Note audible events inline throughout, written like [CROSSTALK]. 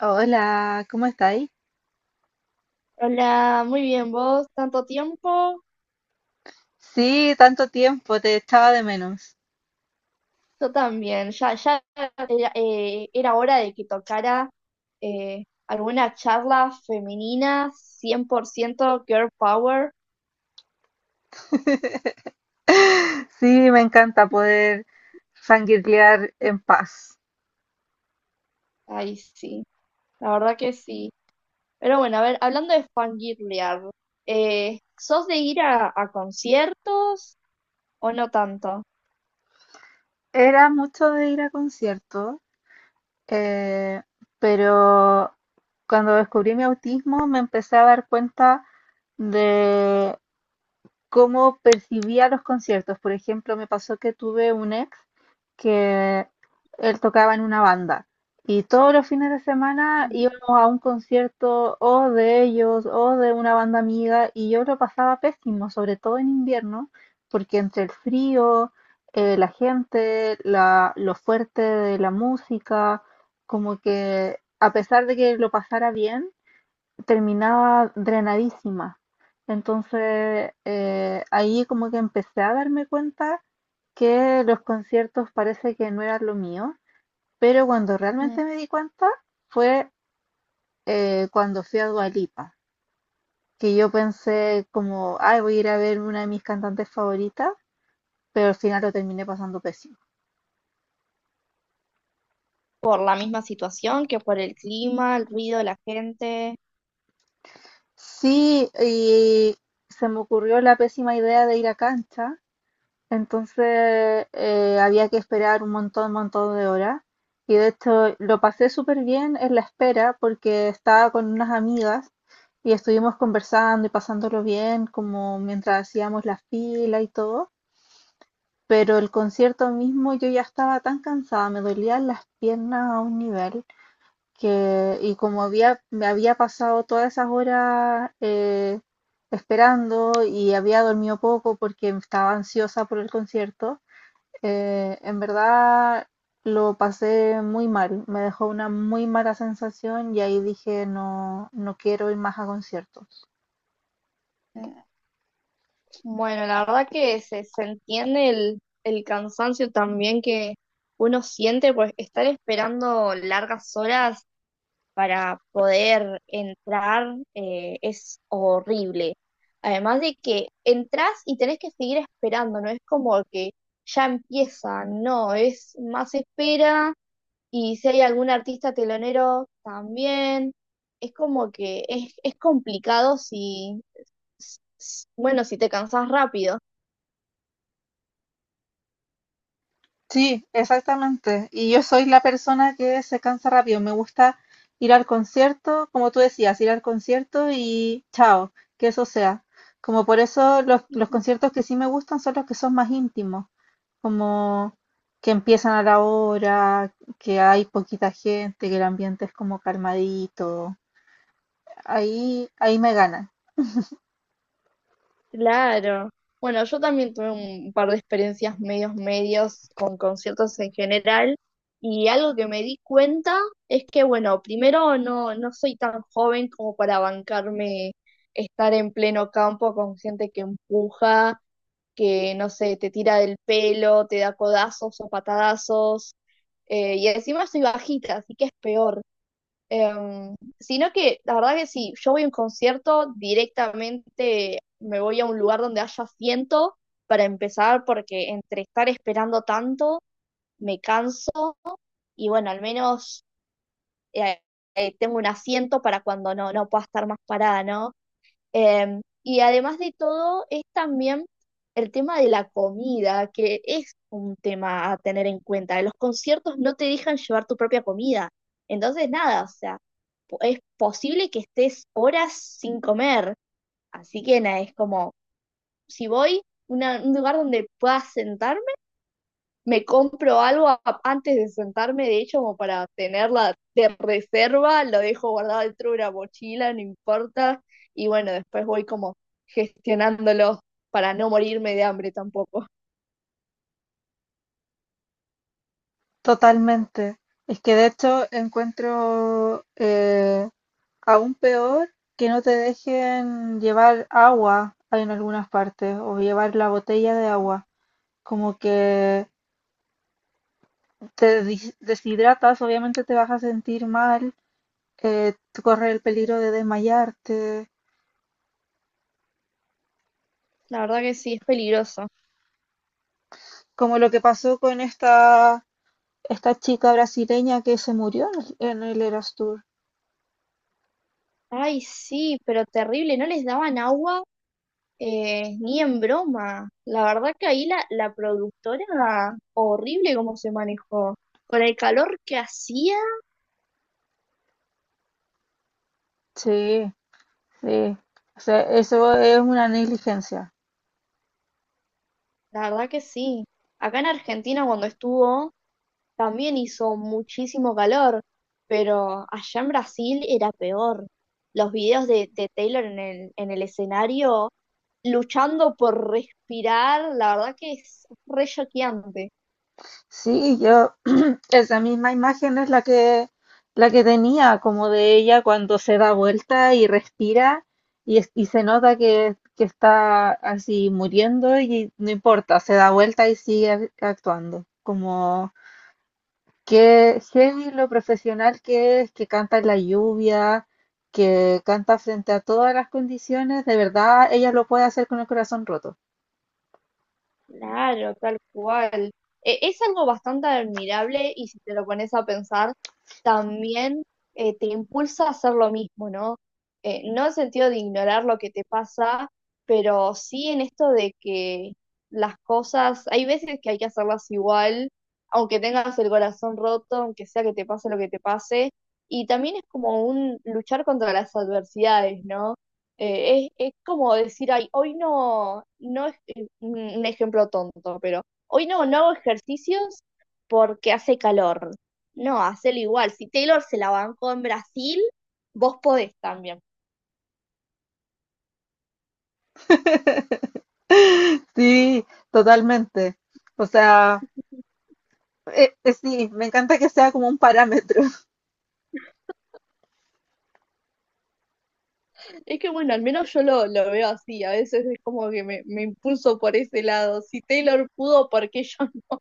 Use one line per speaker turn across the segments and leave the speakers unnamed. Hola, ¿cómo estáis?
Hola, muy bien, vos, tanto tiempo,
Sí, tanto tiempo, te echaba de menos.
yo también, ya era, era hora de que tocara alguna charla femenina, 100% girl power.
[LAUGHS] Sí, me encanta poder fangirlear en paz.
Ay sí, la verdad que sí. Pero bueno, a ver, hablando de fangirlear, ¿sos de ir a conciertos o no tanto?
Era mucho de ir a conciertos, eh, pero cuando descubrí mi autismo me empecé a dar cuenta de cómo percibía los conciertos. Por ejemplo, me pasó que tuve un ex que él tocaba en una banda y todos los fines de semana
Mm.
íbamos a un concierto o de ellos o de una banda amiga y yo lo pasaba pésimo, sobre todo en invierno, porque entre el frío, la gente, lo fuerte de la música, como que a pesar de que lo pasara bien, terminaba drenadísima. Entonces ahí como que empecé a darme cuenta que los conciertos parece que no eran lo mío, pero cuando realmente me di cuenta fue cuando fui a Dua Lipa, que yo pensé como, ay, voy a ir a ver una de mis cantantes favoritas, pero al final lo terminé pasando pésimo.
¿Por la misma situación, que por el clima, el ruido, de la gente?
Sí, y se me ocurrió la pésima idea de ir a cancha. Entonces había que esperar un montón, montón de horas. Y de hecho lo pasé súper bien en la espera porque estaba con unas amigas y estuvimos conversando y pasándolo bien como mientras hacíamos la fila y todo. Pero el concierto mismo yo ya estaba tan cansada, me dolían las piernas a un nivel que, y como había, me había pasado todas esas horas esperando y había dormido poco porque estaba ansiosa por el concierto, en verdad lo pasé muy mal, me dejó una muy mala sensación y ahí dije no, no quiero ir más a conciertos.
Bueno, la verdad que se entiende el cansancio también que uno siente, pues estar esperando largas horas para poder entrar, es horrible. Además de que entras y tenés que seguir esperando, no es como que ya empieza, no, es más espera. Y si hay algún artista telonero también, es como que es complicado si, bueno, si te cansás rápido.
Sí, exactamente. Y yo soy la persona que se cansa rápido. Me gusta ir al concierto, como tú decías, ir al concierto y chao, que eso sea. Como por eso los conciertos que sí me gustan son los que son más íntimos, como que empiezan a la hora, que hay poquita gente, que el ambiente es como calmadito. Ahí, ahí me ganan,
Claro. Bueno, yo también tuve un par de experiencias medios medios con conciertos en general, y algo que me di cuenta es que, bueno, primero no, no soy tan joven como para bancarme estar en pleno campo con gente que empuja, que, no sé, te tira del pelo, te da codazos o patadazos, y encima soy bajita, así que es peor. Sino que la verdad que si yo voy a un concierto, directamente me voy a un lugar donde haya asiento para empezar, porque entre estar esperando tanto, me canso, y bueno, al menos eh, tengo un asiento para cuando no, no pueda estar más parada, ¿no? Y además de todo, es también el tema de la comida, que es un tema a tener en cuenta. En los conciertos no te dejan llevar tu propia comida. Entonces, nada, o sea, es posible que estés horas sin comer. Así que nada, es como, si voy a un lugar donde pueda sentarme, me compro algo antes de sentarme, de hecho, como para tenerla de reserva, lo dejo guardado dentro de una mochila, no importa, y bueno, después voy como gestionándolo para no morirme de hambre tampoco.
totalmente. Es que de hecho encuentro aún peor que no te dejen llevar agua en algunas partes o llevar la botella de agua. Como que te deshidratas, obviamente te vas a sentir mal, eh, corres el
Sí,
peligro de desmayarte.
la verdad que sí, es peligroso.
Como lo que pasó con esta, esta chica brasileña que se murió en el Eras Tour.
Ay, sí, pero terrible, no les daban agua, ni en broma. La verdad que ahí la productora, horrible cómo se manejó. Con el calor que hacía,
Sí, sí, o sea, eso es una negligencia.
la verdad que sí. Acá en Argentina cuando estuvo... También hizo muchísimo calor, pero allá en Brasil era peor. Los videos de Taylor en el escenario luchando por respirar, la verdad que es re choqueante.
Sí, yo, [CLEARS THROAT] esa misma imagen es la que tenía, como de ella cuando se da vuelta y respira y, y se nota que está así muriendo y no importa, se da vuelta y sigue actuando. Como que heavy lo profesional que es, que canta en la lluvia, que canta frente a todas las condiciones, de verdad ella lo puede hacer con el corazón roto.
Claro, tal cual. E- es algo bastante admirable, y si te lo pones a pensar, también, te impulsa a hacer lo mismo, ¿no? No en sentido de ignorar lo que te pasa, pero sí en esto de que las cosas, hay veces que hay que hacerlas igual, aunque tengas el corazón roto, aunque sea que te pase lo que te pase. Y también es como un luchar contra las adversidades, ¿no? Es como decir, ay, hoy no, no un ejemplo tonto, pero hoy no, no hago ejercicios porque hace calor. No, hacelo igual. Si Taylor se la bancó en Brasil, vos podés también.
[LAUGHS] Sí, totalmente. O sea, sí, me encanta que sea como un parámetro. [LAUGHS]
Es que bueno, al menos yo lo veo así. A veces es como que me impulso por ese lado. Si Taylor pudo, ¿por qué yo no?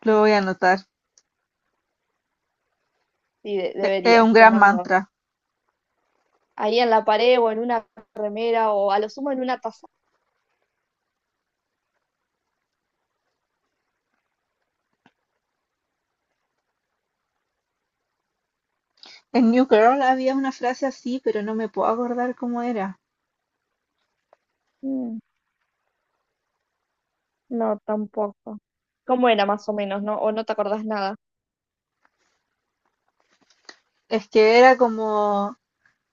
Lo voy a anotar.
Sí,
Es
deberías
un gran
tenerlo
mantra.
ahí en la pared o en una remera, o a lo sumo en una taza.
En New Girl había una frase así, pero no me puedo acordar cómo era.
Mm, no, tampoco. ¿Cómo era más o menos, no? ¿O no te acordás nada?
Es que era como,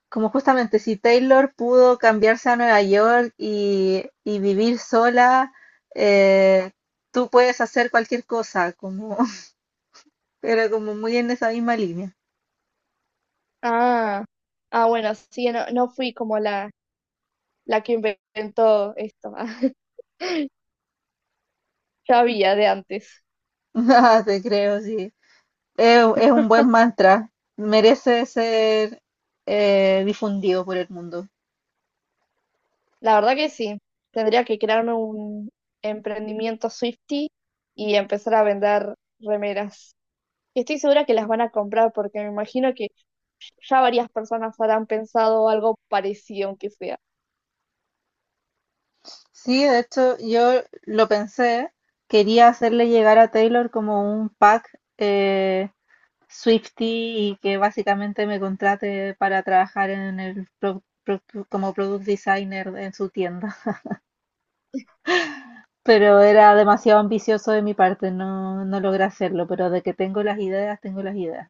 como justamente si Taylor pudo cambiarse a Nueva York y vivir sola, eh, tú puedes hacer cualquier cosa. Como, [LAUGHS] era como muy en esa misma línea.
Ah, ah, bueno, sí, no, no fui como la que inventó esto. [LAUGHS] Ya había de antes.
[LAUGHS] Ah, te creo, sí. Es un buen mantra, merece ser difundido por el mundo.
La verdad que sí. Tendría que crearme un emprendimiento Swifty y empezar a vender remeras. Y estoy segura que las van a comprar, porque me imagino que ya varias personas habrán pensado algo parecido, aunque sea.
Sí, de hecho, yo lo pensé, quería hacerle llegar a Taylor como un pack, Swiftie, y que básicamente me contrate para trabajar en el como product designer en su tienda. Pero era demasiado ambicioso de mi parte, no, no logré hacerlo, pero de que tengo las ideas, tengo las ideas.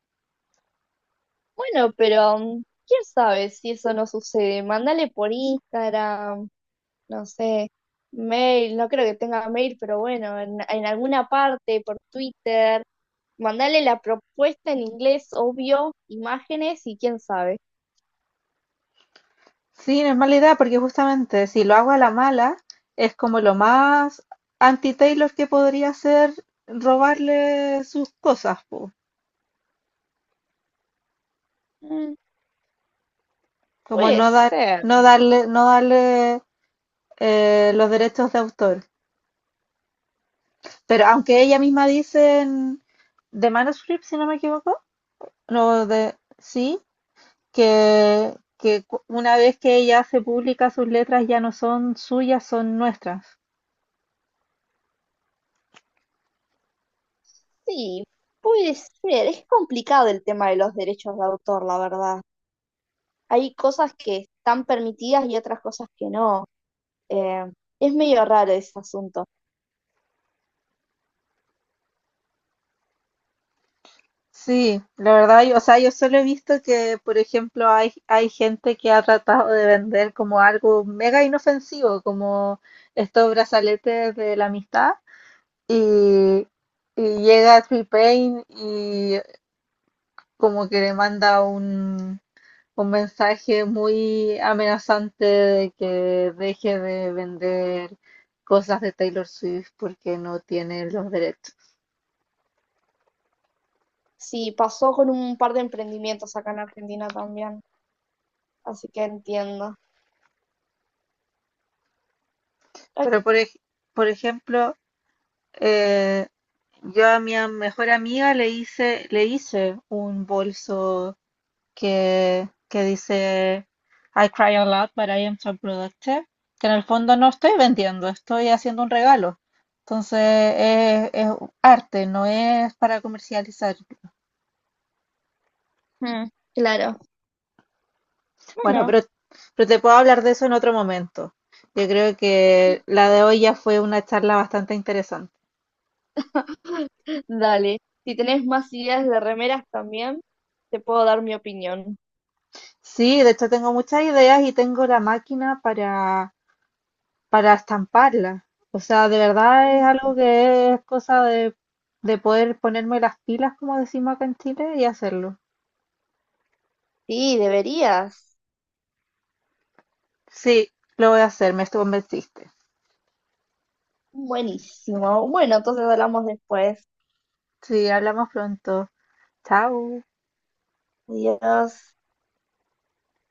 Bueno, pero mm, quién sabe si eso no sucede. Mándale por Instagram, no sé, mail, no creo que tenga mail, pero bueno, en alguna parte, por Twitter. Mandale la propuesta en inglés, obvio, imágenes, y quién sabe.
Sí, no es mala idea porque justamente si lo hago a la mala, es como lo más anti-Taylor que podría ser, robarle sus cosas, po.
Mm.
Como
Puede
no dar,
ser,
no darle, no darle los derechos de autor. Pero aunque ella misma dice en The Manuscript, si no me equivoco, no, de, sí, que una vez que ella hace pública sus letras ya no son suyas, son nuestras.
sí, puede ser. Es complicado el tema de los derechos de autor, la verdad. Hay cosas que están permitidas y otras cosas que no. Eh, es medio raro ese asunto.
Sí, la verdad, yo, o sea, yo solo he visto que, por ejemplo, hay gente que ha tratado de vender como algo mega inofensivo, como estos brazaletes de la amistad, y, y llega T-Pain y como que le manda un mensaje muy amenazante de que deje de vender cosas de Taylor Swift porque no tiene los derechos.
Sí, pasó con un par de emprendimientos acá en Argentina también, así que entiendo. Ok,
Pero, por, por ejemplo, Eh, yo a mi mejor amiga le hice un bolso que dice I cry a lot, but I am so productive. Que en el fondo no estoy vendiendo, estoy haciendo un regalo. Entonces es arte, no es para comercializar.
mm, claro.
Bueno,
Bueno.
pero te puedo hablar de eso en otro momento. Yo creo que la de hoy ya fue una charla bastante interesante.
[LAUGHS] Dale, si tenés más ideas de remeras también, te puedo dar mi opinión.
Sí, de hecho tengo muchas ideas y tengo la máquina para estamparla. O sea, de verdad es algo que es cosa de poder ponerme las pilas, como decimos acá en Chile, y hacerlo.
Sí, deberías.
Sí, lo voy a hacer, me convenciste.
Buenísimo. Bueno, entonces hablamos después.
Sí, hablamos pronto. Chao.
Adiós.